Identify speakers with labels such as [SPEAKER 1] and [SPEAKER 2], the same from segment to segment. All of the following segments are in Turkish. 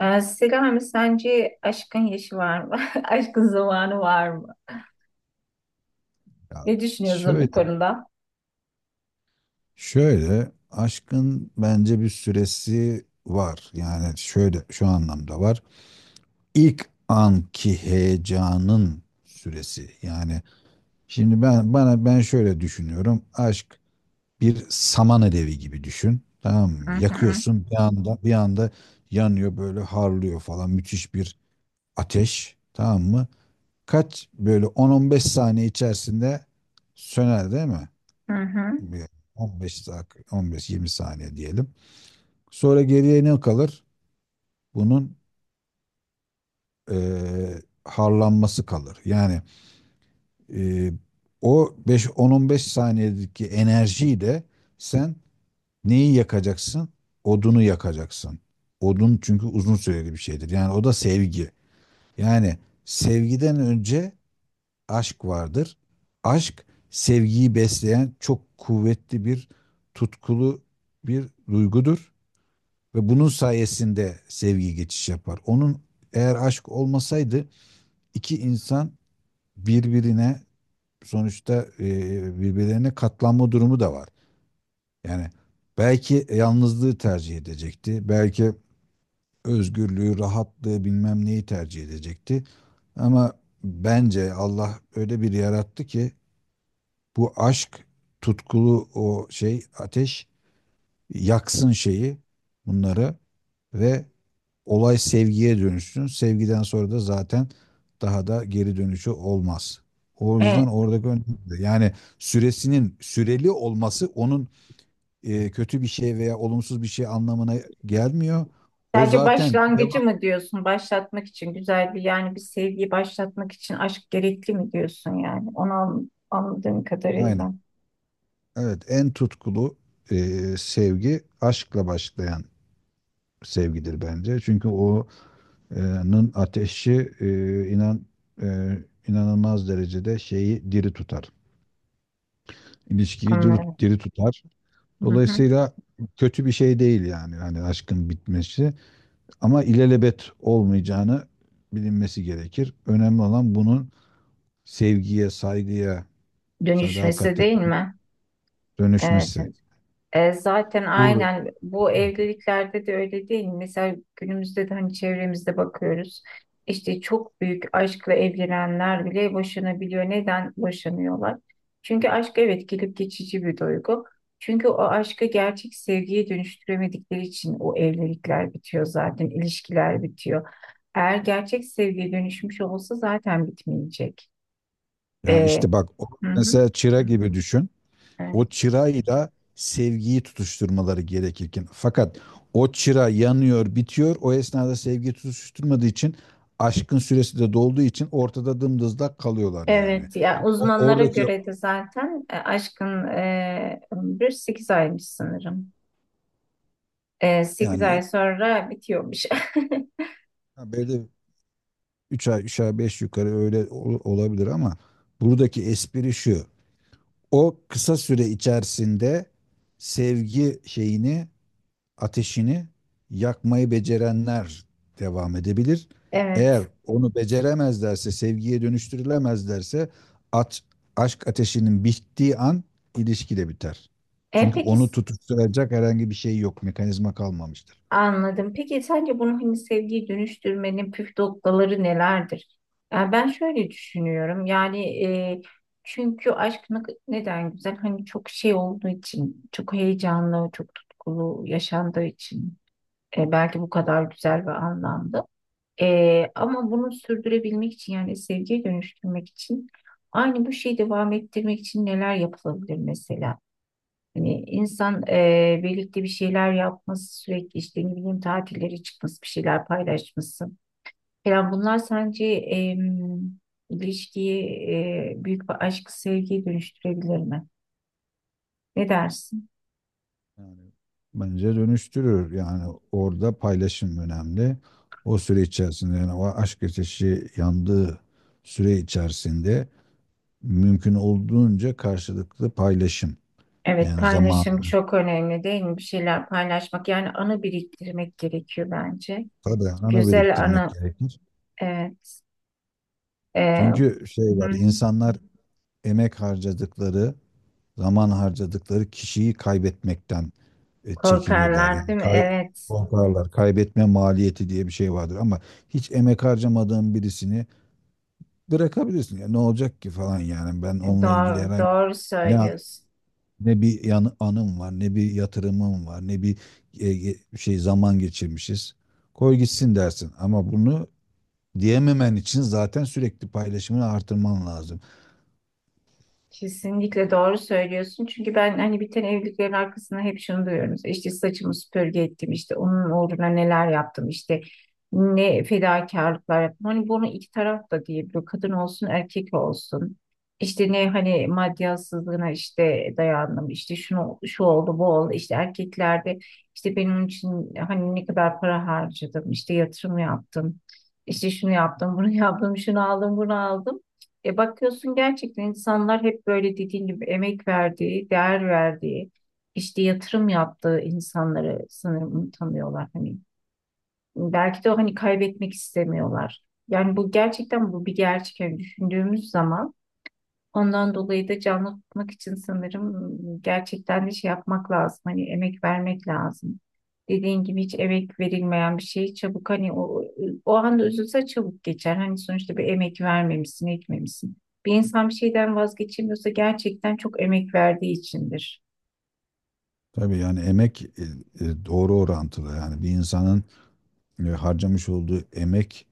[SPEAKER 1] Selami, sence aşkın yaşı var mı? Aşkın zamanı var mı?
[SPEAKER 2] Ya
[SPEAKER 1] Ne düşünüyorsun bu
[SPEAKER 2] şöyle,
[SPEAKER 1] konuda?
[SPEAKER 2] şöyle aşkın bence bir süresi var. Yani şöyle şu anlamda var. İlk anki heyecanın süresi. Yani şimdi ben şöyle düşünüyorum. Aşk bir saman alevi gibi düşün. Tamam
[SPEAKER 1] Hı
[SPEAKER 2] mı?
[SPEAKER 1] hı,
[SPEAKER 2] Yakıyorsun bir anda, bir anda yanıyor, böyle harlıyor falan, müthiş bir ateş. Tamam mı? Kaç böyle 10-15 saniye içerisinde söner, değil mi?
[SPEAKER 1] hı hı.
[SPEAKER 2] Bir 15 dak 15-20 saniye diyelim. Sonra geriye ne kalır? Bunun harlanması kalır. Yani eee, o 5 10-15 saniyedeki enerjiyle sen neyi yakacaksın? Odunu yakacaksın. Odun çünkü uzun süreli bir şeydir. Yani o da sevgi. Yani sevgiden önce aşk vardır. Aşk sevgiyi besleyen çok kuvvetli bir, tutkulu bir duygudur. Ve bunun sayesinde sevgi geçiş yapar. Eğer aşk olmasaydı iki insan birbirine, sonuçta birbirlerine katlanma durumu da var. Yani belki yalnızlığı tercih edecekti. Belki özgürlüğü, rahatlığı, bilmem neyi tercih edecekti. Ama bence Allah öyle bir yarattı ki bu aşk, tutkulu o şey ateş yaksın şeyi, bunları, ve olay sevgiye dönüşsün. Sevgiden sonra da zaten daha da geri dönüşü olmaz. O yüzden
[SPEAKER 1] Evet.
[SPEAKER 2] oradaki önemli. Yani süresinin süreli olması onun kötü bir şey veya olumsuz bir şey anlamına gelmiyor. O
[SPEAKER 1] Sadece
[SPEAKER 2] zaten
[SPEAKER 1] başlangıcı
[SPEAKER 2] devam.
[SPEAKER 1] mı diyorsun? Başlatmak için güzel bir yani bir sevgiyi başlatmak için aşk gerekli mi diyorsun yani? Onu anladığım kadarıyla.
[SPEAKER 2] Aynen. Evet, en tutkulu e, sevgi aşkla başlayan sevgidir bence. Çünkü o'nun ateşi, e, inanılmaz derecede şeyi diri tutar. İlişkiyi diri,
[SPEAKER 1] Anlıyorum.
[SPEAKER 2] diri tutar.
[SPEAKER 1] Hı hı.
[SPEAKER 2] Dolayısıyla kötü bir şey değil yani, hani aşkın bitmesi, ama ilelebet olmayacağını bilinmesi gerekir. Önemli olan bunun sevgiye, saygıya,
[SPEAKER 1] Dönüşmesi
[SPEAKER 2] sadakate
[SPEAKER 1] değil mi? Evet,
[SPEAKER 2] dönüşmesi.
[SPEAKER 1] evet. Zaten
[SPEAKER 2] Doğru.
[SPEAKER 1] aynen bu evliliklerde de öyle değil mi? Mesela günümüzde de hani çevremizde bakıyoruz. İşte çok büyük aşkla evlenenler bile boşanabiliyor. Neden boşanıyorlar? Çünkü aşk, evet, gelip geçici bir duygu. Çünkü o aşkı gerçek sevgiye dönüştüremedikleri için o evlilikler bitiyor zaten, ilişkiler bitiyor. Eğer gerçek sevgiye dönüşmüş olsa zaten bitmeyecek.
[SPEAKER 2] Yani
[SPEAKER 1] E,
[SPEAKER 2] işte bak, o
[SPEAKER 1] hı hı.
[SPEAKER 2] mesela çıra gibi düşün.
[SPEAKER 1] Evet.
[SPEAKER 2] O çırayla sevgiyi tutuşturmaları gerekirken, fakat o çıra yanıyor, bitiyor. O esnada sevgi tutuşturmadığı için, aşkın süresi de dolduğu için ortada dımdızlak kalıyorlar yani.
[SPEAKER 1] Evet, ya uzmanlara
[SPEAKER 2] Oradaki,
[SPEAKER 1] göre de zaten aşkın ömrü 8 aymış sanırım. E, 8
[SPEAKER 2] yani,
[SPEAKER 1] ay sonra bitiyormuş.
[SPEAKER 2] ha, böyle 3 ay, beş, yukarı öyle olabilir ama buradaki espri şu. O kısa süre içerisinde sevgi şeyini, ateşini yakmayı becerenler devam edebilir.
[SPEAKER 1] Evet.
[SPEAKER 2] Eğer onu beceremezlerse, sevgiye dönüştürülemezlerse, at, aşk ateşinin bittiği an ilişki de biter.
[SPEAKER 1] E,
[SPEAKER 2] Çünkü
[SPEAKER 1] peki
[SPEAKER 2] onu
[SPEAKER 1] s-
[SPEAKER 2] tutuşturacak herhangi bir şey yok, mekanizma kalmamıştır.
[SPEAKER 1] anladım. Peki sence bunu hani sevgiye dönüştürmenin püf noktaları nelerdir? Ya ben şöyle düşünüyorum. Yani çünkü neden güzel? Hani çok şey olduğu için, çok heyecanlı, çok tutkulu yaşandığı için. Belki bu kadar güzel ve anlamlı. Ama bunu sürdürebilmek için yani sevgiye dönüştürmek için aynı bu şeyi devam ettirmek için neler yapılabilir mesela? Hani insan birlikte bir şeyler yapması, sürekli işte ne bileyim tatillere çıkması, bir şeyler paylaşması falan, bunlar sence ilişkiyi, büyük bir aşk sevgiye dönüştürebilir mi? Ne dersin?
[SPEAKER 2] Yani bence dönüştürür. Yani orada paylaşım önemli. O süre içerisinde, yani o aşk ateşi yandığı süre içerisinde mümkün olduğunca karşılıklı paylaşım.
[SPEAKER 1] Evet,
[SPEAKER 2] Yani zamanı,
[SPEAKER 1] paylaşım çok önemli değil mi? Bir şeyler paylaşmak yani anı biriktirmek gerekiyor bence.
[SPEAKER 2] tabii anı
[SPEAKER 1] Güzel
[SPEAKER 2] biriktirmek
[SPEAKER 1] anı,
[SPEAKER 2] gerekir.
[SPEAKER 1] evet. Ee,
[SPEAKER 2] Çünkü şey
[SPEAKER 1] hı
[SPEAKER 2] var,
[SPEAKER 1] hı.
[SPEAKER 2] insanlar emek harcadıkları, zaman harcadıkları kişiyi kaybetmekten çekinirler.
[SPEAKER 1] Korkarlar
[SPEAKER 2] Yani
[SPEAKER 1] değil mi? Evet.
[SPEAKER 2] korkarlar. Kaybetme maliyeti diye bir şey vardır ama hiç emek harcamadığın birisini bırakabilirsin ya, ne olacak ki falan yani, ben onunla ilgili
[SPEAKER 1] Doğru,
[SPEAKER 2] herhangi
[SPEAKER 1] doğru
[SPEAKER 2] ne
[SPEAKER 1] söylüyorsun.
[SPEAKER 2] ne bir anım var, ne bir yatırımım var, ne bir şey zaman geçirmişiz, koy gitsin dersin. Ama bunu diyememen için zaten sürekli paylaşımını artırman lazım.
[SPEAKER 1] Kesinlikle doğru söylüyorsun. Çünkü ben hani biten evliliklerin arkasında hep şunu duyuyorum. İşte işte, saçımı süpürge ettim, işte onun uğruna neler yaptım, işte ne fedakarlıklar yaptım. Hani bunu iki taraf da diyebiliyor. Kadın olsun, erkek olsun. İşte ne hani maddiyatsızlığına işte dayandım, işte şunu şu oldu, bu oldu. İşte erkeklerde işte benim için hani ne kadar para harcadım, işte yatırım yaptım. İşte şunu yaptım, bunu yaptım, şunu aldım, bunu aldım. E bakıyorsun gerçekten insanlar hep böyle dediğin gibi emek verdiği, değer verdiği, işte yatırım yaptığı insanları sanırım tanıyorlar. Hani belki de o hani kaybetmek istemiyorlar. Yani bu gerçekten bu bir gerçek. Yani düşündüğümüz zaman, ondan dolayı da canlı tutmak için sanırım gerçekten de şey yapmak lazım. Hani emek vermek lazım. Dediğin gibi hiç emek verilmeyen bir şey çabuk hani o anda üzülse çabuk geçer. Hani sonuçta bir emek vermemişsin, etmemişsin. Bir insan bir şeyden vazgeçemiyorsa gerçekten çok emek verdiği içindir.
[SPEAKER 2] Tabii, yani emek doğru orantılı. Yani bir insanın harcamış olduğu emek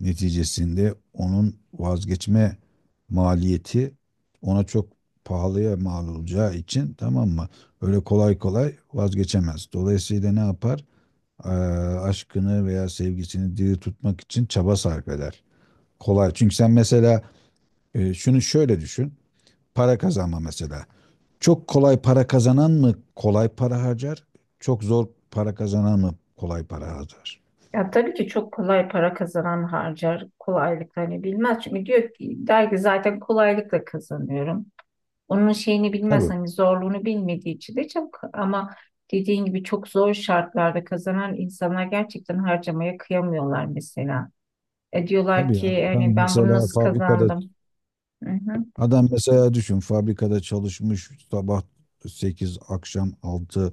[SPEAKER 2] neticesinde onun vazgeçme maliyeti ona çok pahalıya mal olacağı için, tamam mı? Öyle kolay kolay vazgeçemez. Dolayısıyla ne yapar? Aşkını veya sevgisini diri tutmak için çaba sarf eder. Kolay. Çünkü sen mesela şunu şöyle düşün. Para kazanma mesela. Çok kolay para kazanan mı kolay para harcar? Çok zor para kazanan mı kolay para harcar?
[SPEAKER 1] Ya tabii ki çok kolay para kazanan harcar kolaylıkla, hani bilmez. Çünkü diyor ki, der ki, zaten kolaylıkla kazanıyorum. Onun şeyini bilmez,
[SPEAKER 2] Tabii.
[SPEAKER 1] hani zorluğunu bilmediği için de çok, ama dediğin gibi çok zor şartlarda kazanan insanlar gerçekten harcamaya kıyamıyorlar mesela. E diyorlar
[SPEAKER 2] Tabii yani
[SPEAKER 1] ki hani ben bunu nasıl kazandım? Hı hı.
[SPEAKER 2] adam mesela düşün, fabrikada çalışmış, sabah 8 akşam altı,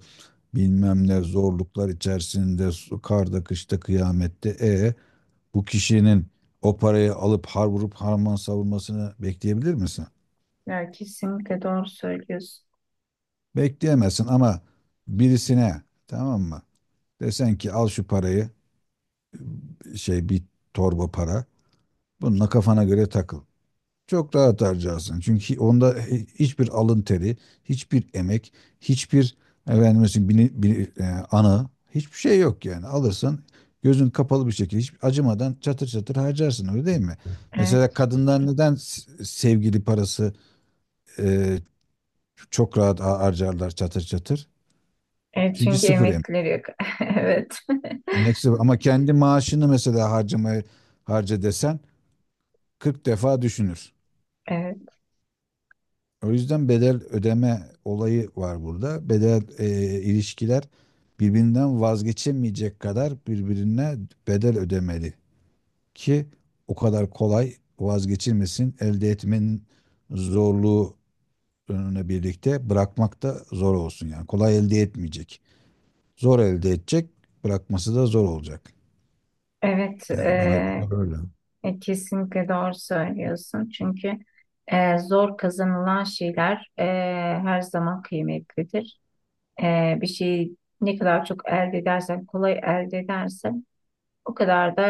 [SPEAKER 2] bilmem ne zorluklar içerisinde, karda, kışta, kıyamette, bu kişinin o parayı alıp har vurup harman savurmasını bekleyebilir misin?
[SPEAKER 1] Ya kesinlikle doğru söylüyorsun.
[SPEAKER 2] Bekleyemezsin. Ama birisine, tamam mı, desen ki al şu parayı, şey, bir torba para, bununla kafana göre takıl. Çok rahat harcarsın. Çünkü onda hiçbir alın teri, hiçbir emek, hiçbir, efendim mesela, ana, hiçbir şey yok yani. Alırsın gözün kapalı bir şekilde, hiç acımadan çatır çatır harcarsın, öyle değil mi? Mesela
[SPEAKER 1] Evet.
[SPEAKER 2] kadınlar neden sevgili parası e, çok rahat harcarlar çatır çatır?
[SPEAKER 1] Evet,
[SPEAKER 2] Çünkü
[SPEAKER 1] çünkü
[SPEAKER 2] sıfır emek.
[SPEAKER 1] emeklileri yok. Evet.
[SPEAKER 2] Emek sıfır. Ama kendi maaşını mesela harca desen 40 defa düşünür.
[SPEAKER 1] Evet.
[SPEAKER 2] O yüzden bedel ödeme olayı var burada. İlişkiler birbirinden vazgeçemeyecek kadar birbirine bedel ödemeli ki o kadar kolay vazgeçilmesin. Elde etmenin zorluğuna, birlikte bırakmak da zor olsun. Yani kolay elde etmeyecek. Zor elde edecek, bırakması da zor olacak.
[SPEAKER 1] Evet.
[SPEAKER 2] Yani bana göre böyle.
[SPEAKER 1] Kesinlikle doğru söylüyorsun. Çünkü zor kazanılan şeyler her zaman kıymetlidir. Bir şeyi ne kadar çok elde edersen, kolay elde edersen o kadar da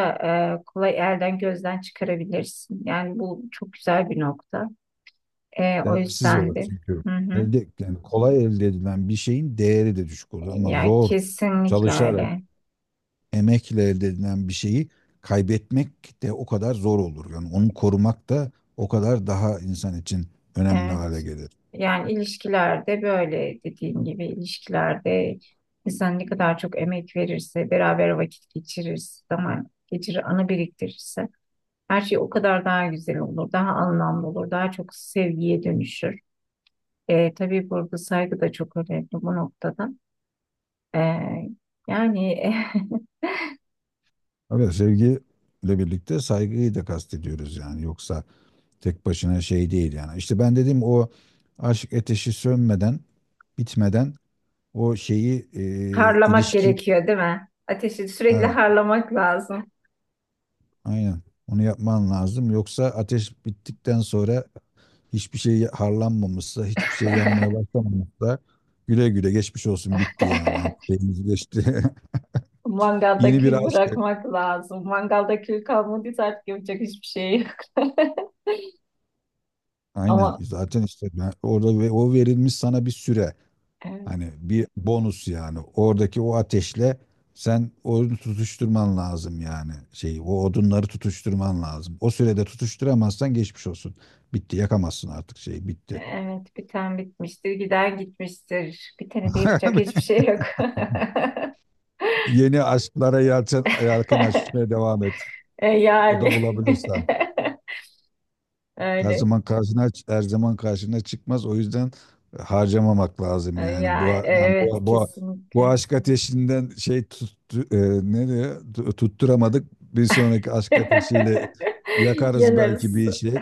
[SPEAKER 1] kolay elden gözden çıkarabilirsin. Yani bu çok güzel bir nokta. O
[SPEAKER 2] Değersiz
[SPEAKER 1] yüzden
[SPEAKER 2] olur
[SPEAKER 1] de
[SPEAKER 2] çünkü.
[SPEAKER 1] hı hı.
[SPEAKER 2] Yani kolay elde edilen bir şeyin değeri de düşük olur, ama
[SPEAKER 1] Ya
[SPEAKER 2] zor
[SPEAKER 1] kesinlikle
[SPEAKER 2] çalışarak,
[SPEAKER 1] öyle.
[SPEAKER 2] emekle elde edilen bir şeyi kaybetmek de o kadar zor olur. Yani onu korumak da o kadar daha insan için önemli
[SPEAKER 1] Evet.
[SPEAKER 2] hale gelir.
[SPEAKER 1] Yani ilişkilerde böyle dediğim gibi ilişkilerde insan ne kadar çok emek verirse, beraber vakit geçirirse, zaman geçirir, anı biriktirirse her şey o kadar daha güzel olur, daha anlamlı olur, daha çok sevgiye dönüşür. Tabii burada saygı da çok önemli bu noktada. E, yani
[SPEAKER 2] Evet, sevgiyle birlikte saygıyı da kastediyoruz yani. Yoksa tek başına şey değil yani. İşte ben dedim, o aşk ateşi sönmeden, bitmeden o şeyi
[SPEAKER 1] harlamak
[SPEAKER 2] ilişki
[SPEAKER 1] gerekiyor değil mi? Ateşi sürekli
[SPEAKER 2] evet,
[SPEAKER 1] harlamak lazım.
[SPEAKER 2] aynen onu yapman lazım. Yoksa ateş bittikten sonra hiçbir şey harlanmamışsa, hiçbir şey yanmaya başlamamışsa, güle güle, geçmiş olsun, bitti yani. Hani şeyimiz geçti.
[SPEAKER 1] Mangalda
[SPEAKER 2] Yeni bir
[SPEAKER 1] kül
[SPEAKER 2] aşk.
[SPEAKER 1] bırakmak lazım. Mangalda kül kalmadıysa artık yapacak hiçbir şey yok.
[SPEAKER 2] Aynen,
[SPEAKER 1] Ama
[SPEAKER 2] zaten işte, orada ve o verilmiş sana bir süre.
[SPEAKER 1] e,
[SPEAKER 2] Hani bir bonus yani. Oradaki o ateşle sen onu tutuşturman lazım yani. Şeyi, o odunları tutuşturman lazım. O sürede tutuşturamazsan geçmiş olsun. Bitti, yakamazsın artık şeyi, bitti.
[SPEAKER 1] evet, biten bitmiştir, giden gitmiştir. Bitene de yapacak hiçbir şey yok.
[SPEAKER 2] Yeni aşklara yelken açmaya devam et.
[SPEAKER 1] E,
[SPEAKER 2] O
[SPEAKER 1] yani
[SPEAKER 2] da bulabilirsen. Her
[SPEAKER 1] öyle.
[SPEAKER 2] zaman karşına her zaman karşına çıkmaz. O yüzden harcamamak
[SPEAKER 1] E,
[SPEAKER 2] lazım yani. Bu
[SPEAKER 1] Ya
[SPEAKER 2] lan,
[SPEAKER 1] evet,
[SPEAKER 2] bu
[SPEAKER 1] kesinlikle.
[SPEAKER 2] aşk ateşinden şey tuttu, ne diyor? Tutturamadık. Bir sonraki aşk ateşiyle yakarız belki
[SPEAKER 1] Yanarız.
[SPEAKER 2] bir şey.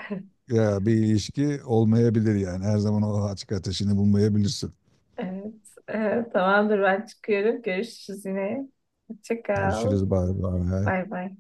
[SPEAKER 2] Ya bir ilişki olmayabilir yani. Her zaman o aşk ateşini bulmayabilirsin.
[SPEAKER 1] Evet, evet, tamamdır, ben çıkıyorum. Görüşürüz yine. Hoşça kal.
[SPEAKER 2] Görüşürüz. Bay bay.
[SPEAKER 1] Bay bay.